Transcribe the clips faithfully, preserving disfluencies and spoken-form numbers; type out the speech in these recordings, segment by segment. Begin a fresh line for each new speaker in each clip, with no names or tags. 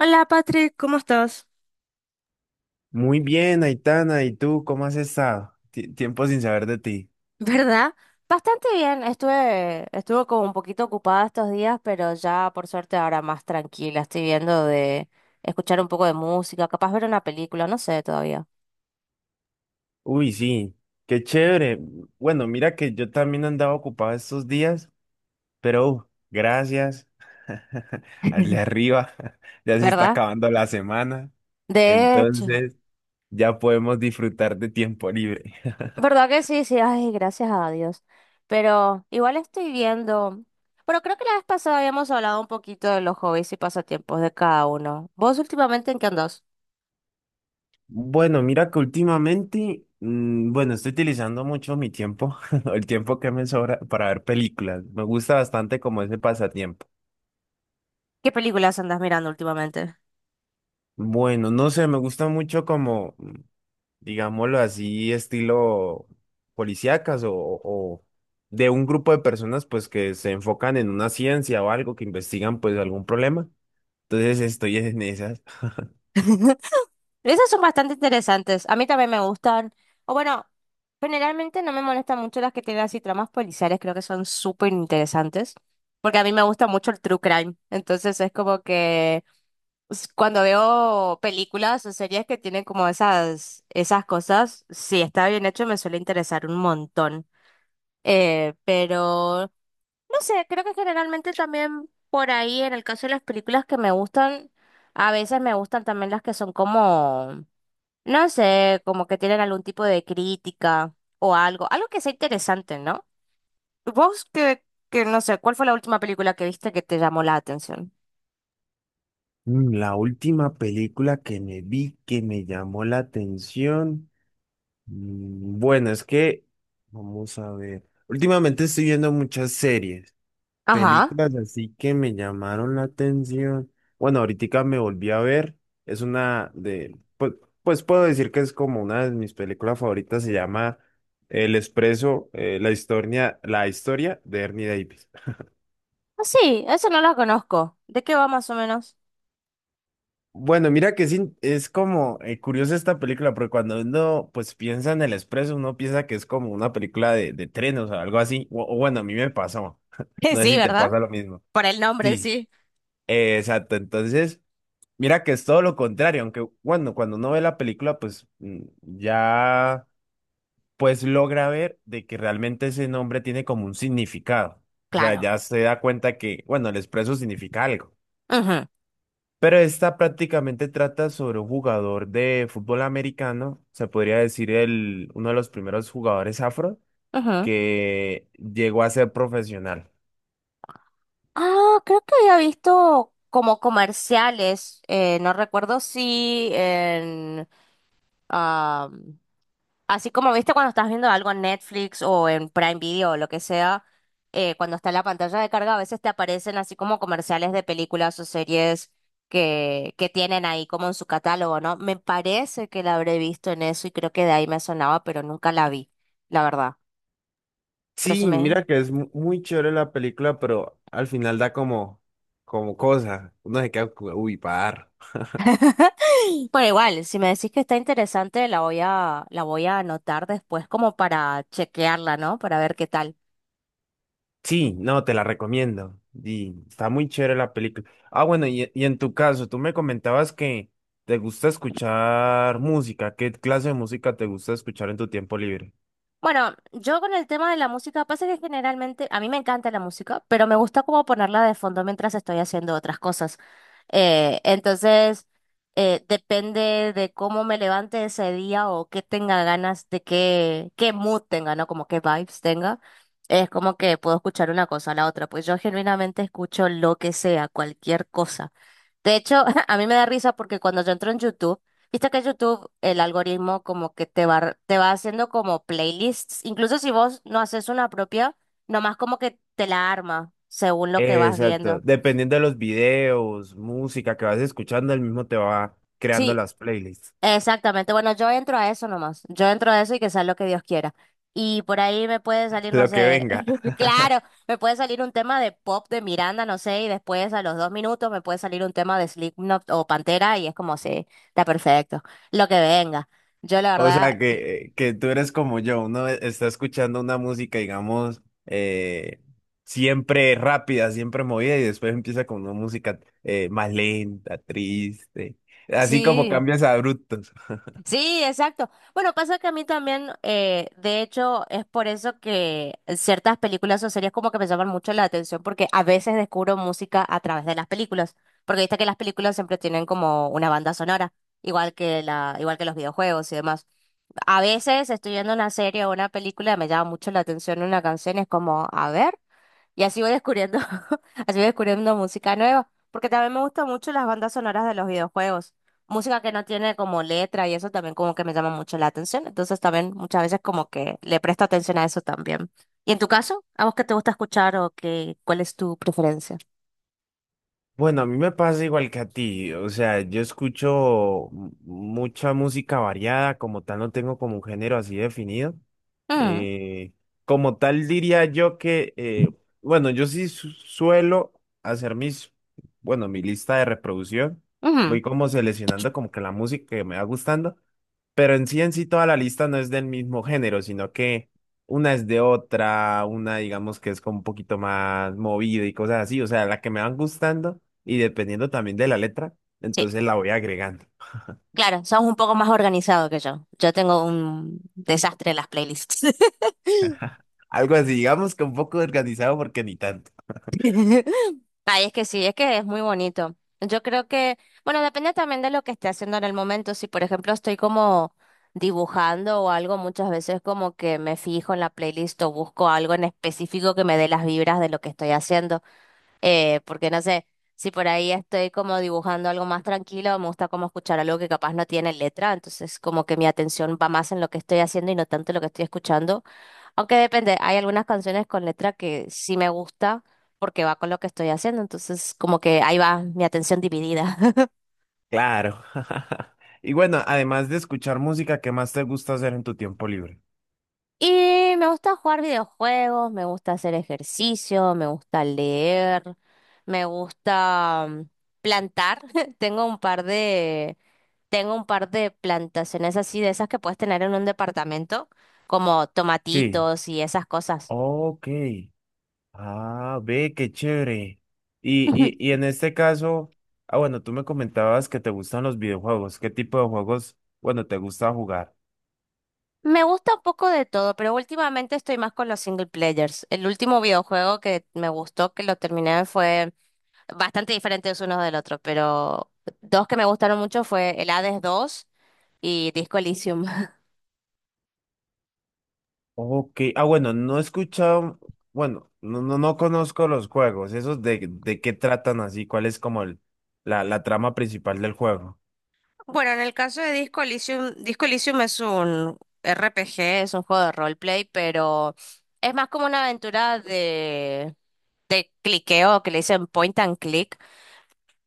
Hola Patrick, ¿cómo estás?
Muy bien, Aitana, ¿y tú cómo has estado? Ti- tiempo sin saber de ti.
¿Verdad? Bastante bien. Estuve, estuve como un poquito ocupada estos días, pero ya por suerte ahora más tranquila. Estoy viendo de escuchar un poco de música, capaz ver una película, no sé todavía.
Uy, sí, qué chévere. Bueno, mira que yo también andaba ocupado estos días, pero uh, gracias al de arriba. Ya se está
¿Verdad?
acabando la semana,
De hecho,
entonces ya podemos disfrutar de tiempo libre.
¿verdad que sí? Sí, ay, gracias a Dios. Pero igual estoy viendo. Pero creo que la vez pasada habíamos hablado un poquito de los hobbies y pasatiempos de cada uno. ¿Vos últimamente en qué andás?
Bueno, mira que últimamente, mm, bueno, estoy utilizando mucho mi tiempo, el tiempo que me sobra para ver películas. Me gusta bastante como ese pasatiempo.
¿Qué películas andás mirando últimamente?
Bueno, no sé, me gusta mucho como, digámoslo así, estilo policíacas o, o de un grupo de personas pues que se enfocan en una ciencia o algo, que investigan pues algún problema. Entonces estoy en esas.
Esas son bastante interesantes. A mí también me gustan. O bueno, generalmente no me molestan mucho las que tienen así tramas policiales. Creo que son súper interesantes. Porque a mí me gusta mucho el true crime. Entonces es como que s- cuando veo películas o series que tienen como esas, esas cosas, si está bien hecho me suele interesar un montón. Eh, pero no sé, creo que generalmente también por ahí, en el caso de las películas que me gustan, a veces me gustan también las que son como... No sé, como que tienen algún tipo de crítica o algo, algo que sea interesante, ¿no? Vos que, que no sé, ¿cuál fue la última película que viste que te llamó la atención?
Mm, La última película que me vi que me llamó la atención. mm, Bueno, es que, vamos a ver. Últimamente estoy viendo muchas series.
Ajá.
Películas así que me llamaron la atención. Bueno, ahorita me volví a ver. Es una de, pues, pues puedo decir que es como una de mis películas favoritas. Se llama El Expreso, eh, la historia, la historia de Ernie Davis.
Ah, sí, eso no la conozco. ¿De qué va más o menos?
Bueno, mira que es, es como eh, curiosa esta película, porque cuando uno pues piensa en El Expreso, uno piensa que es como una película de, de trenes o algo así. O, o bueno, a mí me pasó. No sé
Sí,
si te
¿verdad?
pasa lo mismo.
Por el nombre,
Sí,
sí.
eh, exacto. Entonces, mira que es todo lo contrario, aunque bueno, cuando uno ve la película, pues mm, ya pues logra ver de que realmente ese nombre tiene como un significado. O sea,
Claro.
ya se da cuenta que, bueno, el expreso significa algo.
Ujú,
Pero esta prácticamente trata sobre un jugador de fútbol americano, se podría decir el, uno de los primeros jugadores afro
ujú.
que llegó a ser profesional.
Ah, creo que había visto como comerciales, eh, no recuerdo si en... Así como viste cuando estás viendo algo en Netflix o en Prime Video o lo que sea, eh, cuando está en la pantalla de carga, a veces te aparecen así como comerciales de películas o series que, que tienen ahí como en su catálogo, ¿no? Me parece que la habré visto en eso y creo que de ahí me sonaba, pero nunca la vi, la verdad. Pero si
Sí, mira
me...
que es mu- muy chévere la película, pero al final da como, como cosa. Uno se queda, como, uy, par.
Bueno, igual, si me decís que está interesante, la voy a, la voy a anotar después como para chequearla, ¿no? Para ver qué tal.
Sí, no, te la recomiendo. Y está muy chévere la película. Ah, bueno, y, y en tu caso, tú me comentabas que te gusta escuchar música. ¿Qué clase de música te gusta escuchar en tu tiempo libre?
Bueno, yo con el tema de la música, pasa que generalmente a mí me encanta la música, pero me gusta como ponerla de fondo mientras estoy haciendo otras cosas. Eh, entonces, eh, depende de cómo me levante ese día o qué tenga ganas de qué, qué mood tenga, ¿no? Como qué vibes tenga. Es como que puedo escuchar una cosa a la otra, pues yo genuinamente escucho lo que sea, cualquier cosa. De hecho, a mí me da risa porque cuando yo entro en YouTube, viste que YouTube, el algoritmo como que te va, te va haciendo como playlists, incluso si vos no haces una propia, nomás como que te la arma según lo que vas
Exacto.
viendo.
Dependiendo de los videos, música que vas escuchando, el mismo te va creando
Sí,
las playlists.
exactamente. Bueno, yo entro a eso nomás. Yo entro a eso y que sea lo que Dios quiera. Y por ahí me puede salir, no
Lo que
sé,
venga.
claro, me puede salir un tema de pop de Miranda, no sé, y después a los dos minutos me puede salir un tema de Slipknot o Pantera y es como, sí, está perfecto, lo que venga. Yo la
O
verdad,
sea, que, eh, que tú eres como yo, uno está escuchando una música, digamos, eh, siempre rápida, siempre movida, y después empieza con una música eh, más lenta, triste, así como
sí.
cambias abruptos.
Sí, exacto. Bueno, pasa que a mí también, eh, de hecho, es por eso que ciertas películas o series como que me llaman mucho la atención, porque a veces descubro música a través de las películas, porque viste que las películas siempre tienen como una banda sonora, igual que la, igual que los videojuegos y demás. A veces estoy viendo una serie o una película, me llama mucho la atención una canción, es como, a ver. Y así voy descubriendo, así voy descubriendo música nueva, porque también me gustan mucho las bandas sonoras de los videojuegos. Música que no tiene como letra y eso también como que me llama mucho la atención. Entonces también muchas veces como que le presto atención a eso también. ¿Y en tu caso? ¿A vos qué te gusta escuchar o qué, cuál es tu preferencia?
Bueno, a mí me pasa igual que a ti, o sea, yo escucho m- mucha música variada, como tal no tengo como un género así definido.
Mm,
Eh, como tal diría yo que, eh, bueno, yo sí su- suelo hacer mis, bueno, mi lista de reproducción, voy
ujú,
como seleccionando como que la música que me va gustando, pero en sí en sí toda la lista no es del mismo género, sino que una es de otra, una digamos que es como un poquito más movida y cosas así, o sea, la que me van gustando y dependiendo también de la letra,
sí,
entonces la voy agregando.
claro, sos un poco más organizado que yo. Yo tengo un desastre en las playlists.
Algo así, digamos que un poco organizado porque ni tanto.
Ay, es que sí, es que es muy bonito. Yo creo que, bueno, depende también de lo que esté haciendo en el momento. Si, por ejemplo, estoy como dibujando o algo, muchas veces como que me fijo en la playlist o busco algo en específico que me dé las vibras de lo que estoy haciendo. Eh, porque no sé, si por ahí estoy como dibujando algo más tranquilo, me gusta como escuchar algo que capaz no tiene letra, entonces como que mi atención va más en lo que estoy haciendo y no tanto en lo que estoy escuchando. Aunque depende, hay algunas canciones con letra que sí me gusta porque va con lo que estoy haciendo, entonces como que ahí va mi atención dividida.
Claro. Y bueno, además de escuchar música, ¿qué más te gusta hacer en tu tiempo libre?
Y me gusta jugar videojuegos, me gusta hacer ejercicio, me gusta leer, me gusta mm, plantar. Tengo un par de Tengo un par de plantaciones así, de esas que puedes tener en un departamento, como
Sí.
tomatitos y esas cosas.
Ok. Ah, ve, qué chévere. Y, y, y en este caso, ah, bueno, tú me comentabas que te gustan los videojuegos. ¿Qué tipo de juegos, bueno, te gusta jugar?
Me gusta un poco de todo, pero últimamente estoy más con los single players. El último videojuego que me gustó, que lo terminé, fue bastante diferentes unos del otro, pero dos que me gustaron mucho fue el Hades dos y Disco Elysium.
Ok, ah, bueno, no he escuchado, bueno, no, no, no conozco los juegos, esos de, de qué tratan así, cuál es como el, la, la trama principal del juego.
Bueno, en el caso de Disco Elysium, Disco Elysium es un R P G, es un juego de roleplay, pero es más como una aventura de cliqueo, que le dicen point and click,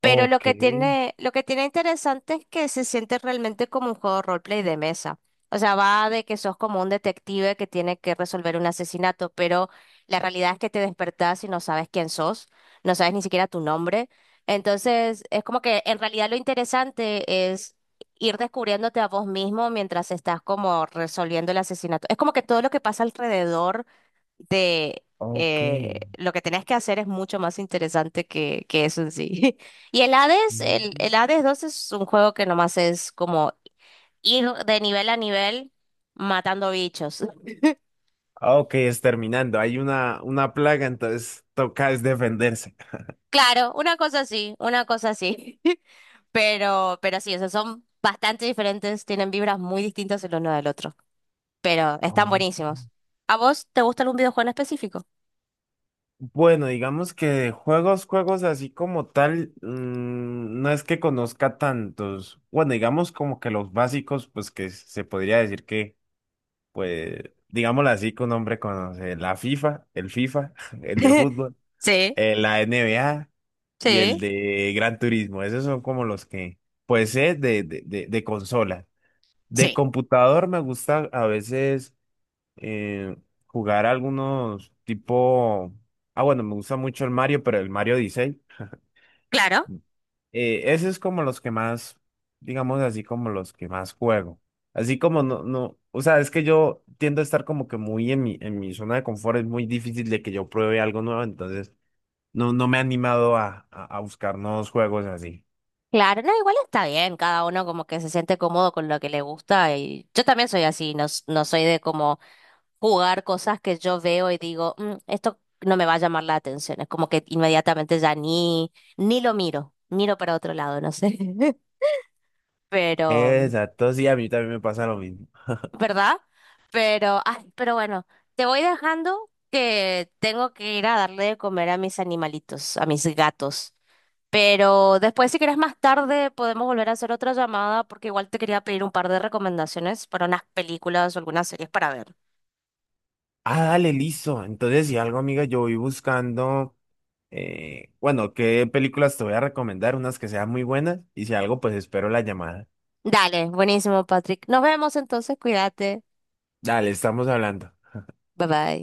pero lo
Ok,
que tiene, lo que tiene interesante es que se siente realmente como un juego roleplay de mesa. O sea, va de que sos como un detective que tiene que resolver un asesinato, pero la realidad es que te despertás y no sabes quién sos, no sabes ni siquiera tu nombre. Entonces, es como que en realidad lo interesante es ir descubriéndote a vos mismo mientras estás como resolviendo el asesinato. Es como que todo lo que pasa alrededor de
ok.
eh, lo que tenés que hacer es mucho más interesante que, que eso en sí. Y el Hades, el,
mm.
el Hades dos es un juego que nomás es como ir de nivel a nivel matando bichos.
Ah, ok, es terminando, hay una, una plaga, entonces toca es defenderse.
Claro, una cosa así, una cosa así. Pero, pero sí, o sea, son bastante diferentes, tienen vibras muy distintas el uno del otro, pero están
Oh.
buenísimos. ¿A vos te gusta algún videojuego en específico?
Bueno, digamos que juegos, juegos así como tal, mm, no es que conozca tantos. Bueno, digamos como que los básicos, pues que se podría decir que pues, digámoslo así, que un hombre conoce la FIFA, el FIFA, el de fútbol,
Sí,
eh, la N B A y el
sí,
de Gran Turismo. Esos son como los que, pues, es de, de, de, de consola. De
sí,
computador me gusta a veces eh, jugar algunos tipo... Ah, bueno, me gusta mucho el Mario, pero el Mario dieciséis.
claro.
Eh, ese es como los que más, digamos así, como los que más juego. Así como no, no, o sea, es que yo tiendo a estar como que muy en mi, en mi zona de confort, es muy difícil de que yo pruebe algo nuevo, entonces no, no me he animado a, a, a buscar nuevos juegos así.
Claro, no, igual está bien, cada uno como que se siente cómodo con lo que le gusta y yo también soy así, no, s- no soy de como jugar cosas que yo veo y digo, "Mm, esto no me va a llamar la atención, es como que inmediatamente ya ni, ni lo miro, miro para otro lado, no sé, pero,
Exacto, sí, a mí también me pasa lo mismo.
¿verdad? Pero, ay, pero bueno, te voy dejando que tengo que ir a darle de comer a mis animalitos, a mis gatos. Pero después, si querés más tarde, podemos volver a hacer otra llamada porque igual te quería pedir un par de recomendaciones para unas películas o algunas series para ver.
Ah, dale, listo. Entonces, si algo, amiga, yo voy buscando, eh, bueno, qué películas te voy a recomendar, unas que sean muy buenas, y si algo, pues espero la llamada.
Dale, buenísimo, Patrick. Nos vemos entonces, cuídate.
Dale, estamos hablando.
Bye bye.